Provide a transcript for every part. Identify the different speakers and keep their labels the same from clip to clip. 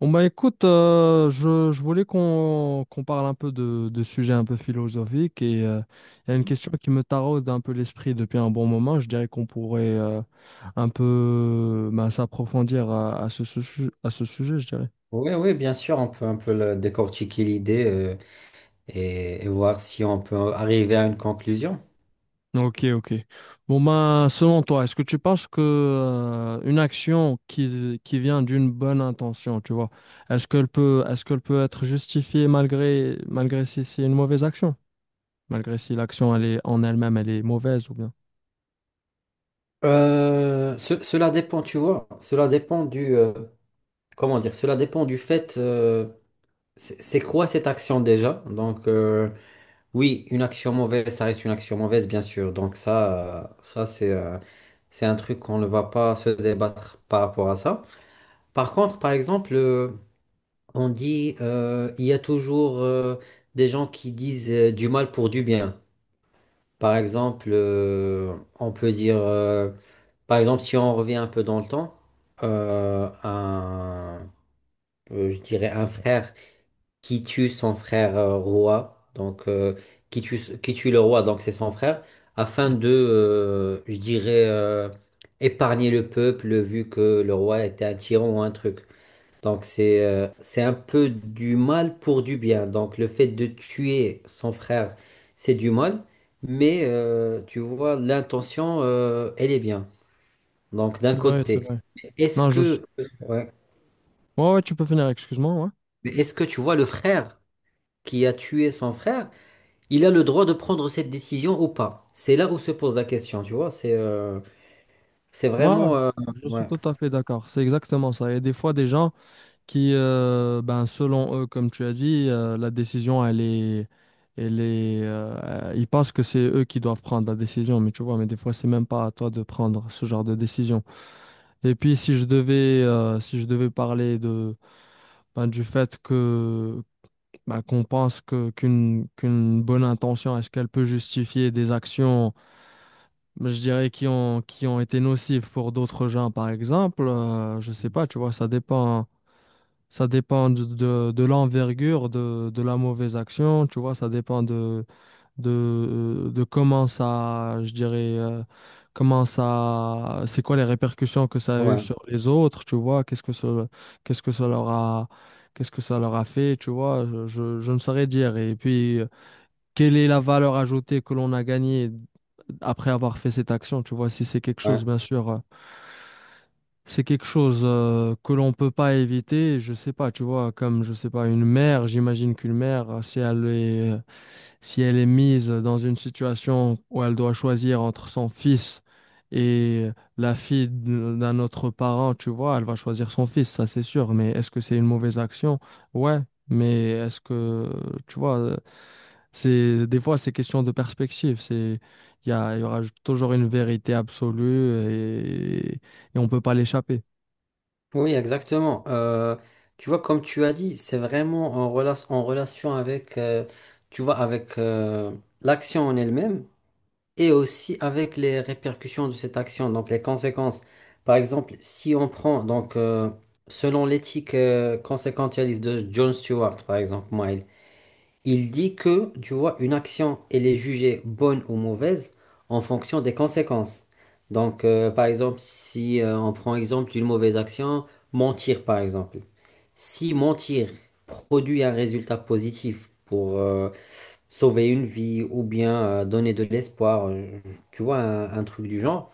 Speaker 1: Bon bah écoute, je voulais qu'on parle un peu de sujets un peu philosophiques et il y a une question qui me taraude un peu l'esprit depuis un bon moment. Je dirais qu'on pourrait un peu bah, s'approfondir à ce sujet, je dirais.
Speaker 2: Oui, oui, bien sûr, on peut un peu décortiquer l'idée, et voir si on peut arriver à une conclusion.
Speaker 1: Ok, ok. Bon bah selon toi, est-ce que tu penses que une action qui vient d'une bonne intention, tu vois, est-ce qu'elle peut être justifiée malgré si c'est une mauvaise action? Malgré si l'action elle est en elle-même, elle est mauvaise ou bien.
Speaker 2: Cela dépend, tu vois, cela dépend comment dire, cela dépend du fait: c'est quoi cette action déjà? Oui, une action mauvaise, ça reste une action mauvaise, bien sûr. Donc ça, ça c'est c'est un truc qu'on ne va pas se débattre par rapport à ça. Par contre, par exemple, on dit, il y a toujours des gens qui disent du mal pour du bien. Par exemple, on peut dire, par exemple, si on revient un peu dans le temps, euh, un, je dirais un frère qui tue son frère, roi, qui tue le roi, donc c'est son frère, afin
Speaker 1: Mhm.
Speaker 2: je dirais, épargner le peuple vu que le roi était un tyran ou un truc. Donc c'est un peu du mal pour du bien. Donc le fait de tuer son frère, c'est du mal, mais tu vois, l'intention, elle est bien. Donc d'un
Speaker 1: C'est vrai, c'est
Speaker 2: côté,
Speaker 1: vrai.
Speaker 2: est-ce
Speaker 1: Non, je suis...
Speaker 2: que, ouais.
Speaker 1: Ouais, ouais, tu peux finir, excuse-moi. Ouais.
Speaker 2: Mais est-ce que tu vois le frère qui a tué son frère, il a le droit de prendre cette décision ou pas? C'est là où se pose la question, tu vois. C'est
Speaker 1: Moi,
Speaker 2: vraiment...
Speaker 1: je suis
Speaker 2: ouais,
Speaker 1: tout à fait d'accord. C'est exactement ça. Il y a des fois des gens ben, selon eux, comme tu as dit, la décision, elle est... Elle est ils pensent que c'est eux qui doivent prendre la décision, mais tu vois, mais des fois, c'est même pas à toi de prendre ce genre de décision. Et puis, si je devais parler de, ben, du fait que bah, qu'on pense que qu'une bonne intention, est-ce qu'elle peut justifier des actions, je dirais, qui ont été nocives pour d'autres gens, par exemple, je sais pas, tu vois, ça dépend de l'envergure de la mauvaise action, tu vois, ça dépend de comment ça, comment ça, c'est quoi les répercussions que ça a eu
Speaker 2: ouais,
Speaker 1: sur les autres, tu vois, qu'est-ce que ça leur a, qu'est-ce que ça leur a fait, tu vois, je je ne saurais dire. Et puis, quelle est la valeur ajoutée que l'on a gagnée après avoir fait cette action, tu vois, si c'est quelque chose,
Speaker 2: ouais.
Speaker 1: bien sûr, c'est quelque chose que l'on peut pas éviter, je sais pas, tu vois, comme, je sais pas, une mère, si elle est si elle est mise dans une situation où elle doit choisir entre son fils et la fille d'un autre parent, tu vois, elle va choisir son fils, ça c'est sûr. Mais est-ce que c'est une mauvaise action? Ouais, mais est-ce que, tu vois, c'est des fois c'est question de perspective. C'est il y a- Il y aura toujours une vérité absolue et on peut pas l'échapper.
Speaker 2: Oui, exactement. Tu vois, comme tu as dit, c'est vraiment en, en relation avec, tu vois, avec l'action en elle-même et aussi avec les répercussions de cette action, donc les conséquences. Par exemple, si on prend, selon l'éthique conséquentialiste de John Stewart, par exemple, il dit que, tu vois, une action, elle est jugée bonne ou mauvaise en fonction des conséquences. Par exemple, si on prend exemple d'une mauvaise action, mentir, par exemple. Si mentir produit un résultat positif pour sauver une vie ou bien donner de l'espoir, tu vois, un truc du genre,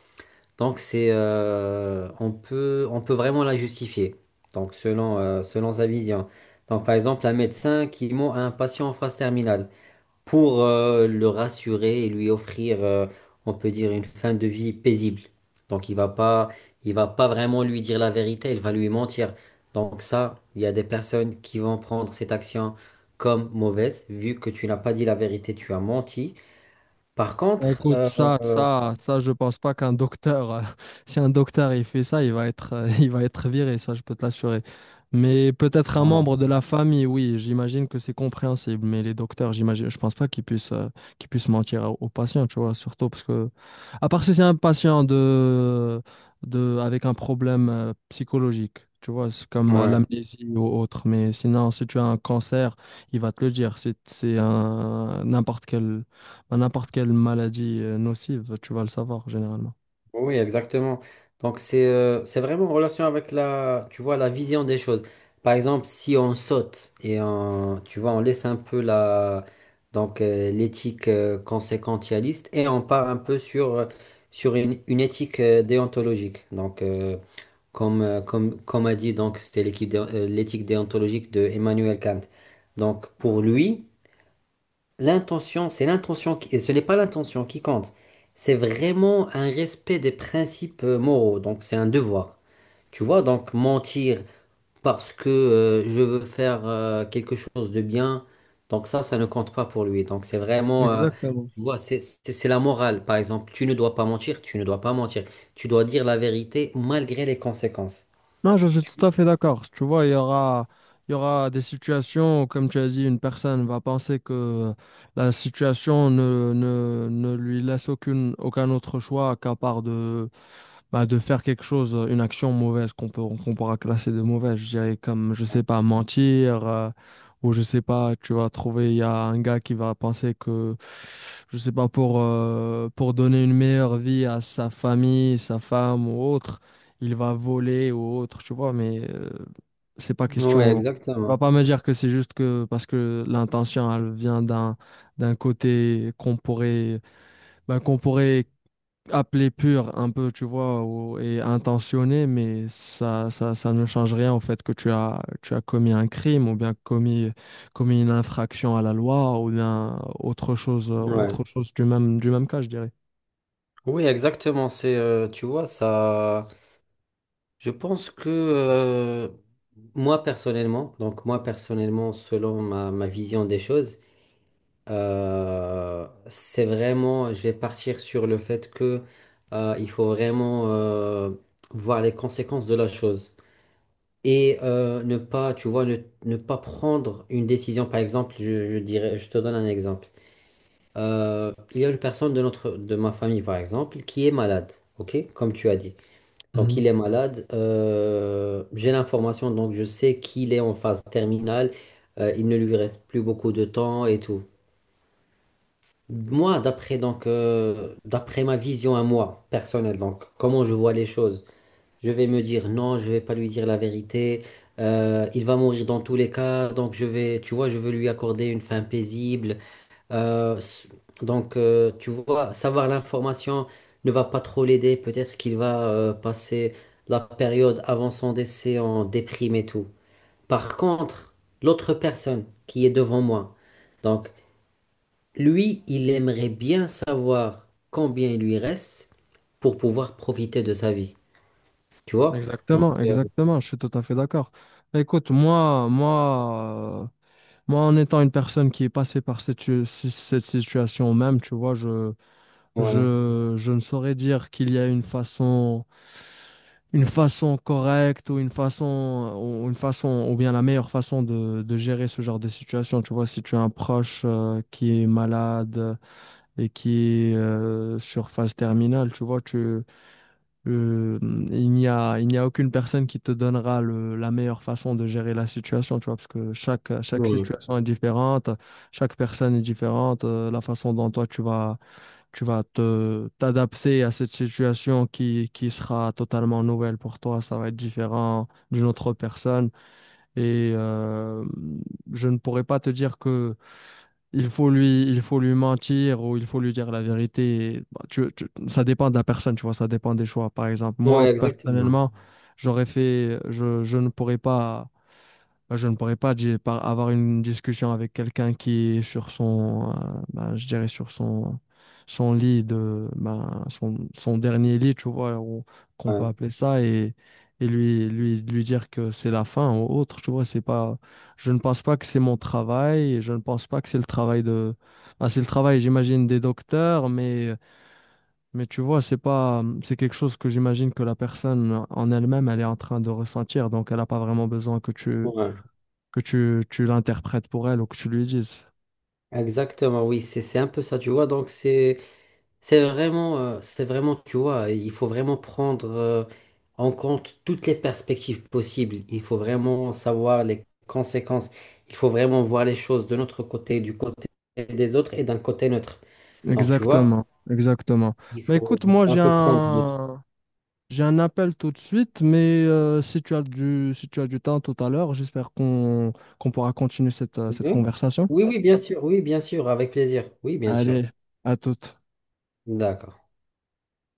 Speaker 2: donc on peut vraiment la justifier, donc selon, selon sa vision. Donc, par exemple, un médecin qui ment à un patient en phase terminale pour le rassurer et lui offrir, on peut dire, une fin de vie paisible. Donc il va pas vraiment lui dire la vérité, il va lui mentir. Donc ça, il y a des personnes qui vont prendre cette action comme mauvaise, vu que tu n'as pas dit la vérité, tu as menti. Par
Speaker 1: Bah,
Speaker 2: contre,
Speaker 1: écoute, ça,
Speaker 2: euh,
Speaker 1: ça, ça, je pense pas qu'un docteur, si un docteur il fait ça, il va être, il va être viré, ça, je peux te l'assurer. Mais peut-être un
Speaker 2: ouais,
Speaker 1: membre de la famille, oui, j'imagine que c'est compréhensible. Mais les docteurs, j'imagine, je pense pas qu'ils puissent, qu'ils puissent mentir aux patients, tu vois, surtout parce que, à part si c'est un patient de avec un problème, psychologique, tu vois, c'est comme
Speaker 2: ouais.
Speaker 1: l'amnésie ou autre. Mais sinon, si tu as un cancer, il va te le dire. C'est un n'importe quel à n'importe quelle maladie nocive, tu vas le savoir généralement.
Speaker 2: Oui, exactement. Donc c'est vraiment en relation avec la, tu vois, la vision des choses. Par exemple, si on saute et on, tu vois, on laisse un peu la l'éthique conséquentialiste et on part un peu sur sur une éthique déontologique. Comme comme a dit donc c'était l'éthique déontologique de Emmanuel Kant. Donc pour lui l'intention, c'est l'intention qui, et ce n'est pas l'intention qui compte. C'est vraiment un respect des principes moraux. Donc, c'est un devoir. Tu vois, donc mentir parce que je veux faire quelque chose de bien, donc ça ne compte pas pour lui. Donc,
Speaker 1: Exactement.
Speaker 2: tu vois, c'est la morale. Par exemple, tu ne dois pas mentir, tu ne dois pas mentir. Tu dois dire la vérité malgré les conséquences.
Speaker 1: Non, je suis
Speaker 2: Tu-
Speaker 1: tout à fait d'accord. Tu vois, il y aura des situations où, comme tu as dit, une personne va penser que la situation ne lui laisse aucun autre choix qu'à part de, bah, de faire quelque chose, une action mauvaise qu'on pourra classer de mauvaise, je dirais comme, je sais pas, mentir, ou je sais pas, tu vas trouver, il y a un gars qui va penser que, je sais pas, pour donner une meilleure vie à sa famille, sa femme ou autre, il va voler ou autre, tu vois, mais c'est pas
Speaker 2: Vois. Ouais,
Speaker 1: question. Tu
Speaker 2: exactement.
Speaker 1: vas pas me dire que c'est juste que parce que l'intention, elle vient d'un d'un côté qu'on pourrait, ben, qu'on pourrait appelé pur un peu, tu vois, ou- et intentionné, mais ça ne change rien au fait que tu as commis un crime commis une infraction à la loi ou bien
Speaker 2: Ouais.
Speaker 1: autre chose du même cas, je dirais.
Speaker 2: Oui, exactement. Tu vois, ça. Je pense que moi personnellement, donc moi personnellement, selon ma, ma vision des choses, c'est vraiment, je vais partir sur le fait que il faut vraiment voir les conséquences de la chose et ne pas, tu vois, ne, ne pas prendre une décision. Par exemple, je dirais, je te donne un exemple. Il y a une personne de notre, de ma famille, par exemple, qui est malade, ok, comme tu as dit. Donc,
Speaker 1: Mhm.
Speaker 2: il est malade. J'ai l'information, donc je sais qu'il est en phase terminale. Il ne lui reste plus beaucoup de temps et tout. Moi, d'après d'après ma vision à moi personnelle, donc comment je vois les choses, je vais me dire non, je vais pas lui dire la vérité. Il va mourir dans tous les cas, donc je vais, tu vois, je veux lui accorder une fin paisible. Euh, s- tu vois, savoir l'information ne va pas trop l'aider. Peut-être qu'il va passer la période avant son décès en déprime et tout. Par contre, l'autre personne qui est devant moi, donc lui, il aimerait bien savoir combien il lui reste pour pouvoir profiter de sa vie. Tu vois? Donc,
Speaker 1: Exactement,
Speaker 2: euh,
Speaker 1: exactement, je suis tout à fait d'accord. Bah, écoute, moi, en étant une personne qui est passée par cette, cette situation même, tu vois,
Speaker 2: ouais,
Speaker 1: je ne saurais dire qu'il y a une façon correcte ou bien la meilleure façon de gérer ce genre de situation. Tu vois, si tu as un proche qui est malade et qui est sur phase terminale, tu vois, tu, euh, il n'y a aucune personne qui te donnera le, la meilleure façon de gérer la situation, tu vois, parce que chaque
Speaker 2: ouais,
Speaker 1: situation est différente, chaque personne est différente, la façon dont toi tu vas te t'adapter à cette situation qui sera totalement nouvelle pour toi. Ça va être différent d'une autre personne. Et je ne pourrais pas te dire que il faut lui mentir ou il faut lui dire la vérité. Bah, ça dépend de la personne, tu vois, ça dépend des choix. Par exemple, moi,
Speaker 2: ouais, exactement.
Speaker 1: personnellement, je ne pourrais pas. Bah, je ne pourrais pas avoir une discussion avec quelqu'un qui est sur son, bah, je dirais sur son, son lit de, bah, son dernier lit, tu vois, ou- qu'on peut
Speaker 2: Ouais,
Speaker 1: appeler ça, et, lui dire que c'est la fin ou autre, tu vois, c'est pas, je ne pense pas que c'est mon travail, et je ne pense pas que c'est le travail de, bah, c'est le travail, j'imagine, des docteurs, mais tu vois, c'est pas, c'est quelque chose que j'imagine que la personne en elle-même, elle est en train de ressentir, donc elle n'a pas vraiment besoin
Speaker 2: ouais.
Speaker 1: que tu l'interprètes pour elle ou que tu lui dises.
Speaker 2: Exactement, oui, c'est un peu ça, tu vois. Donc, c'est. C'est vraiment, tu vois, il faut vraiment prendre en compte toutes les perspectives possibles. Il faut vraiment savoir les conséquences. Il faut vraiment voir les choses de notre côté, du côté des autres et d'un côté neutre. Donc, tu vois,
Speaker 1: Exactement, exactement. Bah écoute,
Speaker 2: il
Speaker 1: moi
Speaker 2: faut un peu prendre de tout.
Speaker 1: j'ai un appel tout de suite, mais si tu as du si tu as du temps tout à l'heure, j'espère qu'on pourra continuer cette, cette
Speaker 2: Mhm.
Speaker 1: conversation.
Speaker 2: Oui, oui, bien sûr, avec plaisir. Oui, bien sûr.
Speaker 1: Allez, à toute.
Speaker 2: D'accord.